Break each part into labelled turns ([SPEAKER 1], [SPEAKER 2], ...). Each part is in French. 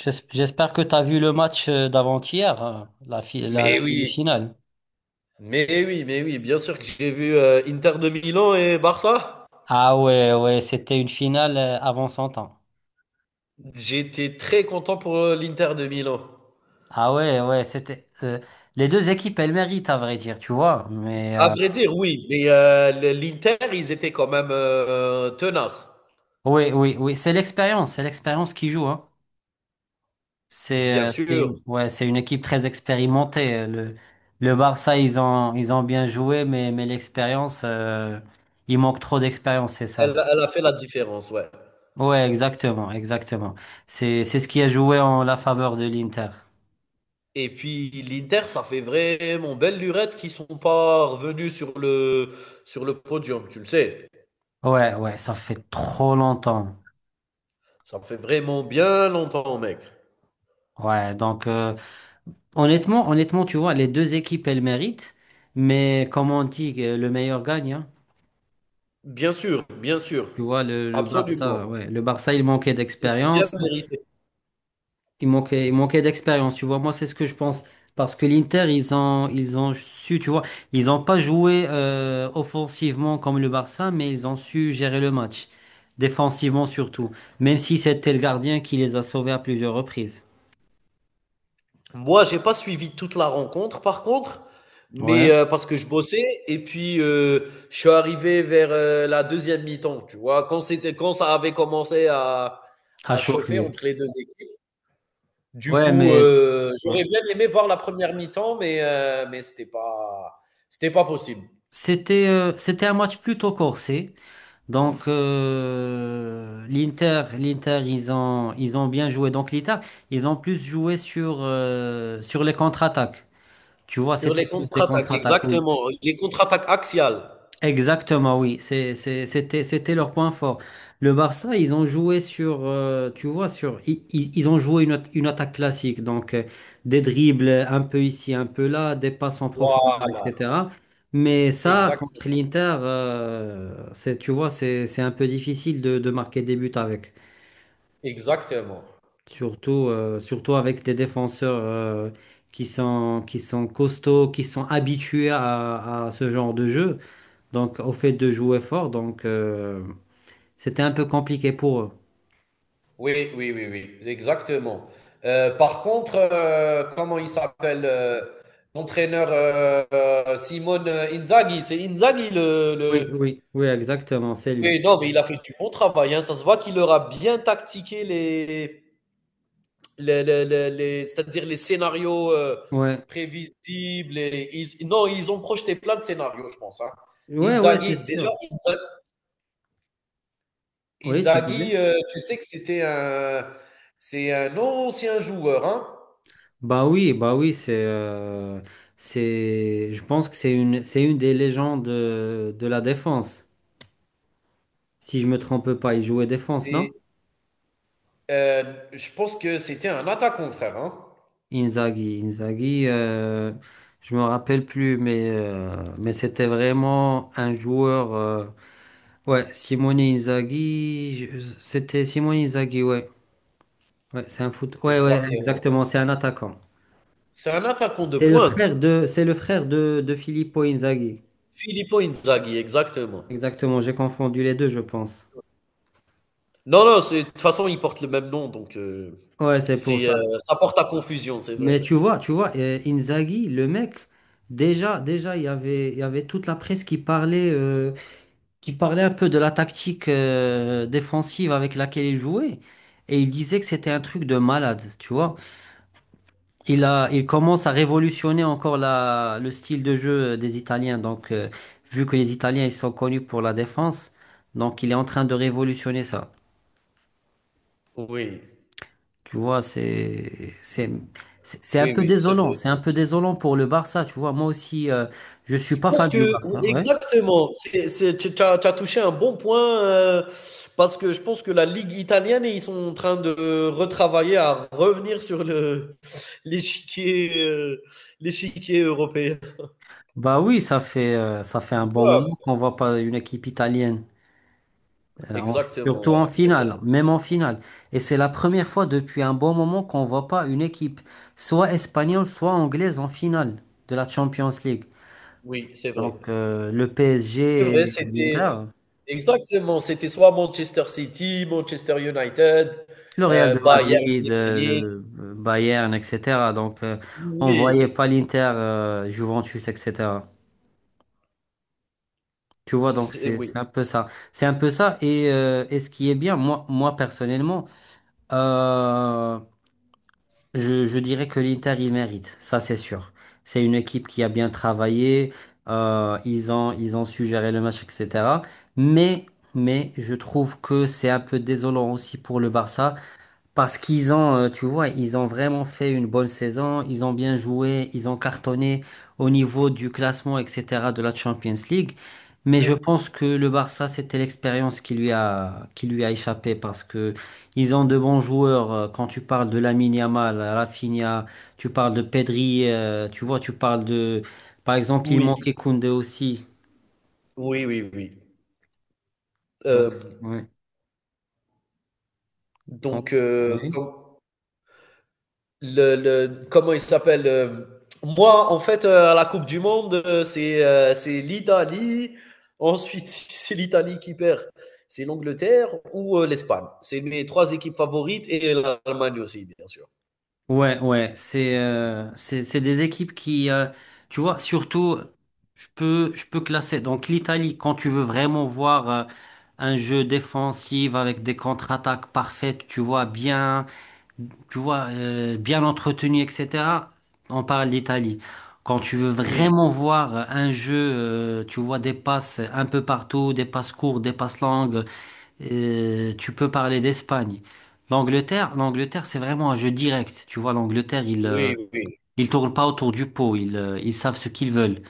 [SPEAKER 1] J'espère que tu as vu le match d'avant-hier, hein, la
[SPEAKER 2] Mais oui.
[SPEAKER 1] demi-finale.
[SPEAKER 2] Mais oui, mais oui, bien sûr que j'ai vu Inter de Milan et Barça.
[SPEAKER 1] Ah ouais, ouais, c'était une finale avant son temps.
[SPEAKER 2] J'étais très content pour l'Inter de Milan.
[SPEAKER 1] Ah ouais, ouais, les deux équipes, elles méritent, à vrai dire, tu vois. Mais
[SPEAKER 2] À vrai dire, oui, mais l'Inter, ils étaient quand même tenaces.
[SPEAKER 1] oui, oui, oui, c'est l'expérience qui joue, hein.
[SPEAKER 2] Bien sûr,
[SPEAKER 1] Ouais, c'est une équipe très expérimentée. Le Barça, ils ont bien joué, mais l'expérience, il manque trop d'expérience, c'est ça.
[SPEAKER 2] elle a fait la différence, ouais.
[SPEAKER 1] Ouais, exactement, exactement. C'est ce qui a joué en la faveur de l'Inter.
[SPEAKER 2] Et puis l'Inter, ça fait vraiment belle lurette qu'ils sont pas revenus sur sur le podium, tu le sais.
[SPEAKER 1] Ouais, ouais, ça fait trop longtemps.
[SPEAKER 2] Ça fait vraiment bien longtemps, mec.
[SPEAKER 1] Ouais, donc honnêtement, tu vois, les deux équipes, elles méritent, mais comme on dit, le meilleur gagne, hein.
[SPEAKER 2] Bien sûr,
[SPEAKER 1] Tu vois, le
[SPEAKER 2] absolument.
[SPEAKER 1] Barça, ouais, le Barça, il manquait
[SPEAKER 2] C'était bien
[SPEAKER 1] d'expérience.
[SPEAKER 2] mérité.
[SPEAKER 1] Il manquait d'expérience, tu vois. Moi, c'est ce que je pense. Parce que l'Inter, ils ont su, tu vois, ils n'ont pas joué offensivement comme le Barça, mais ils ont su gérer le match. Défensivement surtout. Même si c'était le gardien qui les a sauvés à plusieurs reprises.
[SPEAKER 2] Moi, j'ai pas suivi toute la rencontre par contre, mais
[SPEAKER 1] Ouais,
[SPEAKER 2] parce que je bossais et puis, je suis arrivé vers, la deuxième mi-temps, tu vois? Quand c'était quand ça avait commencé
[SPEAKER 1] à
[SPEAKER 2] à chauffer
[SPEAKER 1] chauffer.
[SPEAKER 2] entre les 2 équipes. Du
[SPEAKER 1] Ouais,
[SPEAKER 2] coup,
[SPEAKER 1] mais
[SPEAKER 2] j'aurais
[SPEAKER 1] ouais.
[SPEAKER 2] bien aimé voir la première mi-temps, mais mais c'était pas possible.
[SPEAKER 1] C'était un match plutôt corsé. Donc, l'Inter, ils ont bien joué. Donc, l'Inter, ils ont plus joué sur les contre-attaques. Tu vois,
[SPEAKER 2] Sur
[SPEAKER 1] c'était
[SPEAKER 2] les
[SPEAKER 1] plus des
[SPEAKER 2] contre-attaques,
[SPEAKER 1] contre-attaques, oui.
[SPEAKER 2] exactement, les contre-attaques axiales.
[SPEAKER 1] Exactement, oui. C'était leur point fort. Le Barça, ils ont joué sur, tu vois, sur, ont joué une attaque classique. Donc, des dribbles un peu ici, un peu là, des passes en profondeur,
[SPEAKER 2] Voilà,
[SPEAKER 1] etc. Mais ça, contre
[SPEAKER 2] exactement,
[SPEAKER 1] l'Inter, tu vois, c'est un peu difficile de marquer des buts avec.
[SPEAKER 2] exactement.
[SPEAKER 1] Surtout avec des défenseurs, qui sont costauds, qui sont habitués à ce genre de jeu. Donc au fait de jouer fort, donc c'était un peu compliqué pour eux.
[SPEAKER 2] Oui, oui, oui, oui, exactement. Par contre, comment il s'appelle l'entraîneur Simone Inzaghi? C'est Inzaghi
[SPEAKER 1] Oui, oui, oui, exactement, c'est lui.
[SPEAKER 2] Oui, non, mais il a fait du bon travail, hein. Ça se voit qu'il leur a bien tactiqué c'est-à-dire les scénarios
[SPEAKER 1] Ouais,
[SPEAKER 2] prévisibles. Et non, ils ont projeté plein de scénarios, je pense, hein.
[SPEAKER 1] ouais, ouais, c'est
[SPEAKER 2] Inzaghi, déjà,
[SPEAKER 1] sûr.
[SPEAKER 2] Inza-
[SPEAKER 1] Oui, tu
[SPEAKER 2] Inzaghi,
[SPEAKER 1] disais?
[SPEAKER 2] tu sais que c'est un ancien joueur, hein.
[SPEAKER 1] Bah oui, c'est, je pense que c'est une des légendes de la défense. Si je me trompe pas, il jouait défense, non?
[SPEAKER 2] C'est Heu, je pense que c'était un attaquant, frère, hein?
[SPEAKER 1] Inzaghi, je me rappelle plus, mais c'était vraiment un joueur. Ouais, Simone Inzaghi, c'était Simone Inzaghi, ouais. Ouais, c'est un foot. Ouais, ouais,
[SPEAKER 2] Exactement.
[SPEAKER 1] exactement. C'est un attaquant.
[SPEAKER 2] C'est un attaquant de
[SPEAKER 1] C'est le
[SPEAKER 2] pointe.
[SPEAKER 1] frère de, c'est le frère de Filippo Inzaghi.
[SPEAKER 2] Filippo Inzaghi, exactement.
[SPEAKER 1] Exactement. J'ai confondu les deux, je pense.
[SPEAKER 2] Non, non, c'est de toute façon, ils portent le même nom, donc
[SPEAKER 1] Ouais, c'est pour
[SPEAKER 2] c'est, heu,
[SPEAKER 1] ça.
[SPEAKER 2] ça porte à confusion, c'est vrai.
[SPEAKER 1] Mais tu vois, Inzaghi, le mec, déjà, il y avait toute la presse qui parlait un peu de la tactique, défensive avec laquelle il jouait. Et il disait que c'était un truc de malade, tu vois. Il commence à révolutionner encore le style de jeu des Italiens. Donc, vu que les Italiens, ils sont connus pour la défense, donc il est en train de révolutionner ça.
[SPEAKER 2] Oui.
[SPEAKER 1] Tu vois, c'est un
[SPEAKER 2] Oui,
[SPEAKER 1] peu
[SPEAKER 2] oui, c'est
[SPEAKER 1] désolant.
[SPEAKER 2] vrai.
[SPEAKER 1] C'est un peu désolant pour le Barça. Tu vois, moi aussi, je
[SPEAKER 2] Je
[SPEAKER 1] suis pas
[SPEAKER 2] pense
[SPEAKER 1] fan du
[SPEAKER 2] que oui,
[SPEAKER 1] Barça. Ouais.
[SPEAKER 2] exactement, tu tu as touché un bon point parce que je pense que la Ligue italienne, ils sont en train de retravailler à revenir sur l'échiquier, euh, l'échiquier européen.
[SPEAKER 1] Bah oui, ça fait un bon
[SPEAKER 2] Ouais,
[SPEAKER 1] moment qu'on voit pas une équipe italienne. Euh, en-
[SPEAKER 2] exactement,
[SPEAKER 1] surtout
[SPEAKER 2] ouais,
[SPEAKER 1] en
[SPEAKER 2] c'est vrai.
[SPEAKER 1] finale, même en finale. Et c'est la première fois depuis un bon moment qu'on voit pas une équipe, soit espagnole, soit anglaise, en finale de la Champions League.
[SPEAKER 2] Oui, c'est vrai.
[SPEAKER 1] Donc le
[SPEAKER 2] C'est
[SPEAKER 1] PSG
[SPEAKER 2] vrai,
[SPEAKER 1] et
[SPEAKER 2] c'était
[SPEAKER 1] l'Inter,
[SPEAKER 2] exactement, c'était soit Manchester City, Manchester United,
[SPEAKER 1] le Real de
[SPEAKER 2] Bayern de
[SPEAKER 1] Madrid, le
[SPEAKER 2] Munich.
[SPEAKER 1] Bayern, etc. Donc on voyait
[SPEAKER 2] Oui,
[SPEAKER 1] pas l'Inter, Juventus, etc. Tu vois, donc c'est
[SPEAKER 2] oui,
[SPEAKER 1] c'est un peu ça. C'est un peu ça. Et ce qui est bien, moi personnellement, euh, je dirais que l'Inter, il mérite, ça c'est sûr. C'est une équipe qui a bien travaillé, ils ont su gérer le match, etc. Mais, mais je trouve que c'est un peu désolant aussi pour le Barça. Parce qu'ils ont, tu vois, ils ont vraiment fait une bonne saison, ils ont bien joué, ils ont cartonné au niveau du classement, etc., de la Champions League. Mais je
[SPEAKER 2] Le-
[SPEAKER 1] pense que le Barça, c'était l'expérience qui lui a échappé parce que ils ont de bons joueurs. Quand tu parles de Lamine Yamal, Rafinha, tu parles de Pedri, tu vois, tu parles de, par exemple, il
[SPEAKER 2] oui,
[SPEAKER 1] manquait Koundé aussi.
[SPEAKER 2] oui, oui, oui.
[SPEAKER 1] Donc,
[SPEAKER 2] Euh,
[SPEAKER 1] ouais. Donc,
[SPEAKER 2] Donc,
[SPEAKER 1] ouais.
[SPEAKER 2] com le comment il s'appelle? Moi, en fait, à la coupe du monde, c'est l'Italie, ensuite, c'est l'Italie qui perd, c'est l'Angleterre ou, l'Espagne. C'est mes 3 équipes favorites et l'Allemagne aussi, bien sûr.
[SPEAKER 1] Ouais, ouais, c'est des équipes qui, tu vois, surtout, je peux classer donc l'Italie quand tu veux vraiment voir un jeu défensif avec des contre-attaques parfaites, tu vois bien entretenu, etc. On parle d'Italie. Quand tu veux
[SPEAKER 2] Oui,
[SPEAKER 1] vraiment voir un jeu, tu vois des passes un peu partout, des passes courtes, des passes longues, tu peux parler d'Espagne. L'Angleterre, c'est vraiment un jeu direct. Tu vois, l'Angleterre, ils euh,
[SPEAKER 2] oui, oui.
[SPEAKER 1] ils tournent pas autour du pot. Ils savent ce qu'ils veulent.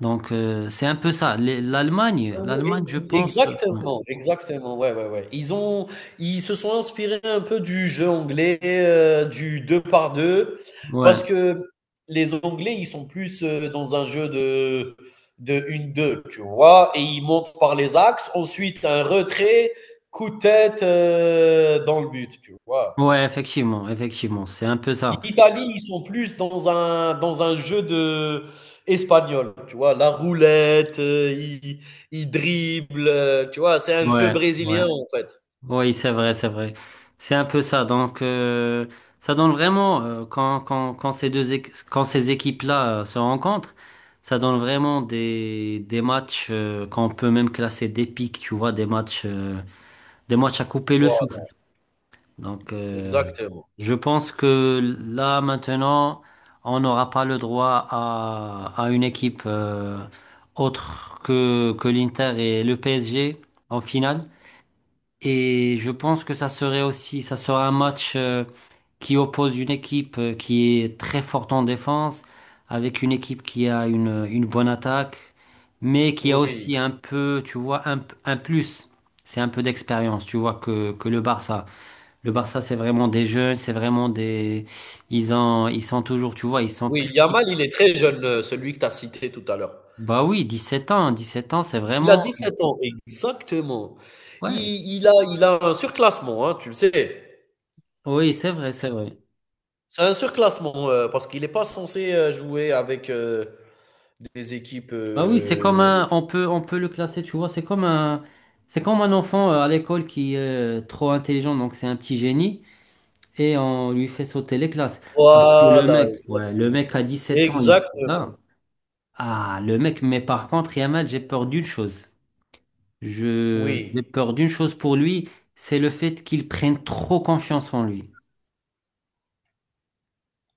[SPEAKER 1] Donc c'est un peu ça. L'Allemagne,
[SPEAKER 2] Oui,
[SPEAKER 1] je pense. Ouais,
[SPEAKER 2] exactement, exactement, ouais, ouais, ouais. Ils se sont inspirés un peu du jeu anglais, du 2 par 2,
[SPEAKER 1] ouais,
[SPEAKER 2] parce que les Anglais, ils sont plus, dans un jeu de une deux, tu vois? Et ils montent par les axes, ensuite un retrait, coup de tête, dans le but, tu vois?
[SPEAKER 1] ouais, effectivement, effectivement, c'est un peu ça.
[SPEAKER 2] L'Italie, ils sont plus dans dans un jeu de espagnol, tu vois, la roulette, ils dribblent, tu vois, c'est un jeu
[SPEAKER 1] Ouais, ouais.
[SPEAKER 2] brésilien en fait.
[SPEAKER 1] Oui, c'est vrai, c'est vrai. C'est un peu ça. Donc, ça donne vraiment, quand ces équipes-là, se rencontrent, ça donne vraiment des matchs, qu'on peut même classer d'épiques, tu vois, des matchs à couper le souffle.
[SPEAKER 2] Voilà,
[SPEAKER 1] Donc,
[SPEAKER 2] exactement.
[SPEAKER 1] je pense que là, maintenant, on n'aura pas le droit à une équipe, autre que l'Inter et le PSG en finale. Et je pense que ça serait aussi, ça sera un match qui oppose une équipe qui est très forte en défense avec une équipe qui a une bonne attaque, mais qui a
[SPEAKER 2] Oui,
[SPEAKER 1] aussi un peu, tu vois, un plus. C'est un peu d'expérience, tu vois, que le Barça. Le Barça, c'est vraiment des jeunes, c'est vraiment des. Ils sont toujours, tu vois, ils sont
[SPEAKER 2] oui,
[SPEAKER 1] plus.
[SPEAKER 2] Yamal, il est très jeune, celui que tu as cité tout à l'heure.
[SPEAKER 1] Bah oui, 17 ans, 17 ans, c'est
[SPEAKER 2] Il a
[SPEAKER 1] vraiment.
[SPEAKER 2] 17 ans, exactement. Il,
[SPEAKER 1] Ouais,
[SPEAKER 2] il a un surclassement, hein, tu le sais.
[SPEAKER 1] oui, c'est vrai, c'est vrai.
[SPEAKER 2] C'est un surclassement parce qu'il n'est pas censé jouer avec des équipes.
[SPEAKER 1] Bah oui, on peut le classer, tu vois, c'est comme un enfant à l'école qui est trop intelligent, donc c'est un petit génie, et on lui fait sauter les classes. Parce que le
[SPEAKER 2] Voilà,
[SPEAKER 1] mec, ouais, le
[SPEAKER 2] exactement.
[SPEAKER 1] mec à 7 ans, il fait
[SPEAKER 2] Exactement.
[SPEAKER 1] ça. Ah, le mec, mais par contre, Yamal, j'ai peur d'une chose. J'ai
[SPEAKER 2] Oui,
[SPEAKER 1] peur d'une chose pour lui, c'est le fait qu'il prenne trop confiance en lui.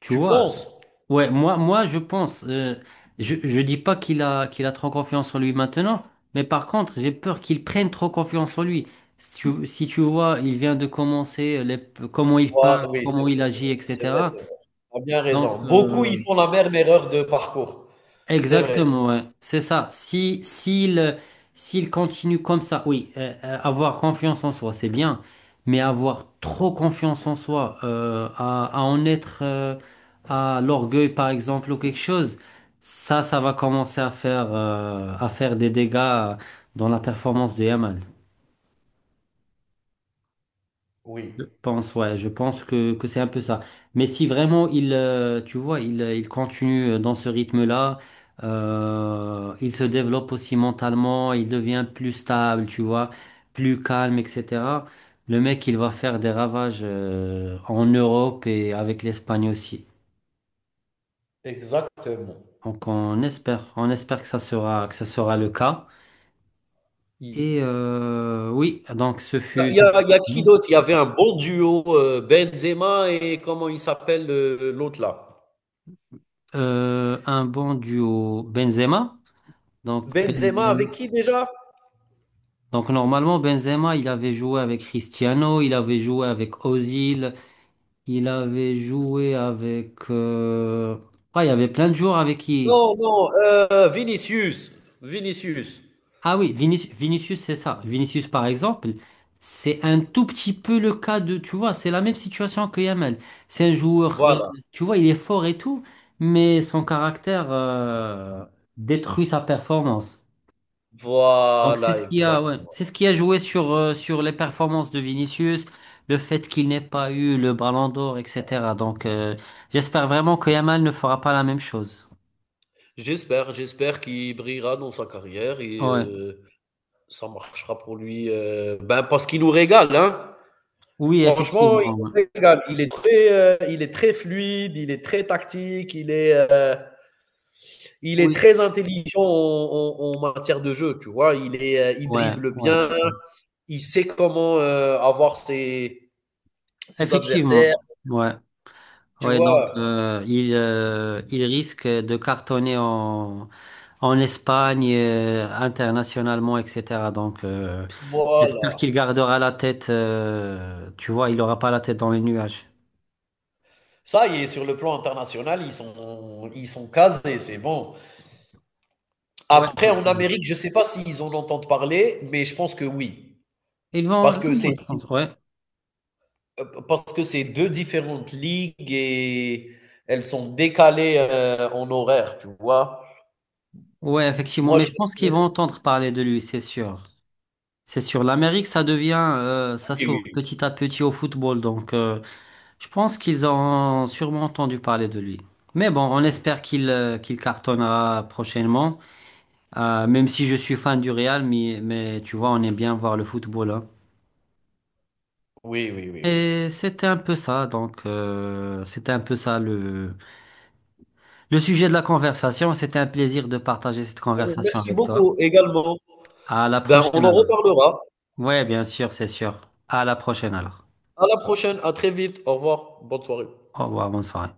[SPEAKER 1] Tu
[SPEAKER 2] tu
[SPEAKER 1] vois,
[SPEAKER 2] penses?
[SPEAKER 1] ouais, moi, je pense, je dis pas qu'il a trop confiance en lui maintenant, mais par contre, j'ai peur qu'il prenne trop confiance en lui. Si tu vois, il vient de commencer, comment il parle,
[SPEAKER 2] Voi oui, c'est
[SPEAKER 1] comment il
[SPEAKER 2] vrai,
[SPEAKER 1] agit,
[SPEAKER 2] c'est vrai. C'est
[SPEAKER 1] etc.
[SPEAKER 2] vrai, tu as bien raison.
[SPEAKER 1] Donc,
[SPEAKER 2] Beaucoup, ils font la même erreur de parcours. C'est
[SPEAKER 1] exactement,
[SPEAKER 2] vrai.
[SPEAKER 1] ouais. C'est ça. Si, s'il, s'il continue comme ça, oui, avoir confiance en soi, c'est bien, mais avoir trop confiance en soi, à en être, à l'orgueil, par exemple, ou quelque chose, ça va commencer à faire des dégâts dans la performance de Yamal.
[SPEAKER 2] Oui,
[SPEAKER 1] Ouais, je pense que c'est un peu ça. Mais si vraiment il, tu vois, il continue dans ce rythme-là, il se développe aussi mentalement, il devient plus stable, tu vois, plus calme, etc. Le mec, il va faire des ravages, en Europe et avec l'Espagne aussi.
[SPEAKER 2] exactement.
[SPEAKER 1] Donc on espère que ça sera le cas. Et
[SPEAKER 2] Il
[SPEAKER 1] oui, donc ce
[SPEAKER 2] il y a
[SPEAKER 1] fut ce fut,
[SPEAKER 2] il y a qui d'autre? Il y avait un bon duo, Benzema et comment il s'appelle le l'autre là?
[SPEAKER 1] euh, un bon duo Benzema. Donc
[SPEAKER 2] Benzema
[SPEAKER 1] Benzema.
[SPEAKER 2] avec qui déjà?
[SPEAKER 1] Donc normalement, Benzema, il avait joué avec Cristiano, il avait joué avec Ozil, il avait joué avec. Ah, il y avait plein de joueurs avec qui.
[SPEAKER 2] Non, non, Vinicius. Vinicius.
[SPEAKER 1] Ah oui, Vinicius, c'est ça. Vinicius, par exemple, c'est un tout petit peu le cas de. Tu vois, c'est la même situation que Yamal. C'est un joueur,
[SPEAKER 2] Voilà,
[SPEAKER 1] tu vois, il est fort et tout, mais son caractère, détruit sa performance. Donc c'est
[SPEAKER 2] voilà,
[SPEAKER 1] ce qui a, ouais,
[SPEAKER 2] exactement.
[SPEAKER 1] c'est ce qui a joué sur les performances de Vinicius, le fait qu'il n'ait pas eu le Ballon d'Or, etc. Donc j'espère vraiment que Yamal ne fera pas la même chose.
[SPEAKER 2] J'espère, j'espère qu'il brillera dans sa carrière et
[SPEAKER 1] Ouais.
[SPEAKER 2] ça marchera pour lui. Ben parce qu'il nous régale, hein.
[SPEAKER 1] Oui, effectivement.
[SPEAKER 2] Franchement, il
[SPEAKER 1] Ouais.
[SPEAKER 2] nous régale. Il est très fluide, il est très tactique, il est
[SPEAKER 1] Oui,
[SPEAKER 2] très intelligent en, en matière de jeu. Tu vois, il est, il
[SPEAKER 1] ouais,
[SPEAKER 2] dribble
[SPEAKER 1] ouais.
[SPEAKER 2] bien, il sait comment avoir ses adversaires.
[SPEAKER 1] Effectivement. Ouais.
[SPEAKER 2] Tu
[SPEAKER 1] Ouais, donc
[SPEAKER 2] vois,
[SPEAKER 1] il risque de cartonner en Espagne, internationalement, etc. Donc
[SPEAKER 2] voilà.
[SPEAKER 1] j'espère qu'il gardera la tête, tu vois, il n'aura pas la tête dans les nuages.
[SPEAKER 2] Ça, il est sur le plan international, ils sont casés, c'est bon.
[SPEAKER 1] Ouais,
[SPEAKER 2] Après, en
[SPEAKER 1] effectivement.
[SPEAKER 2] Amérique, je ne sais pas s'ils en entendent parler, mais je pense que oui.
[SPEAKER 1] Ils vont.
[SPEAKER 2] Parce
[SPEAKER 1] Non,
[SPEAKER 2] que
[SPEAKER 1] non,
[SPEAKER 2] c'est
[SPEAKER 1] je pense, ouais.
[SPEAKER 2] parce que c'est deux différentes ligues et elles sont décalées en horaire, tu vois.
[SPEAKER 1] Ouais, effectivement.
[SPEAKER 2] Moi,
[SPEAKER 1] Mais
[SPEAKER 2] je
[SPEAKER 1] je pense qu'ils vont
[SPEAKER 2] m'intéresse-
[SPEAKER 1] entendre parler de lui, c'est sûr. C'est sûr. L'Amérique, ça devient, ça
[SPEAKER 2] Oui,
[SPEAKER 1] s'ouvre
[SPEAKER 2] oui,
[SPEAKER 1] petit à petit au football. Donc, je pense qu'ils ont sûrement entendu parler de lui. Mais bon, on espère qu'il cartonnera prochainement. Même si je suis fan du Real, mais tu vois, on aime bien voir le football, hein.
[SPEAKER 2] oui, oui, oui, oui.
[SPEAKER 1] Et c'était un peu ça, donc c'était un peu ça le sujet de la conversation. C'était un plaisir de partager cette
[SPEAKER 2] Donc,
[SPEAKER 1] conversation
[SPEAKER 2] merci
[SPEAKER 1] avec
[SPEAKER 2] beaucoup
[SPEAKER 1] toi.
[SPEAKER 2] également.
[SPEAKER 1] À la
[SPEAKER 2] Ben, on
[SPEAKER 1] prochaine
[SPEAKER 2] en
[SPEAKER 1] alors.
[SPEAKER 2] reparlera.
[SPEAKER 1] Ouais, bien sûr, c'est sûr. À la prochaine alors.
[SPEAKER 2] À la prochaine, à très vite. Au revoir. Bonne soirée.
[SPEAKER 1] Au revoir, bonne soirée.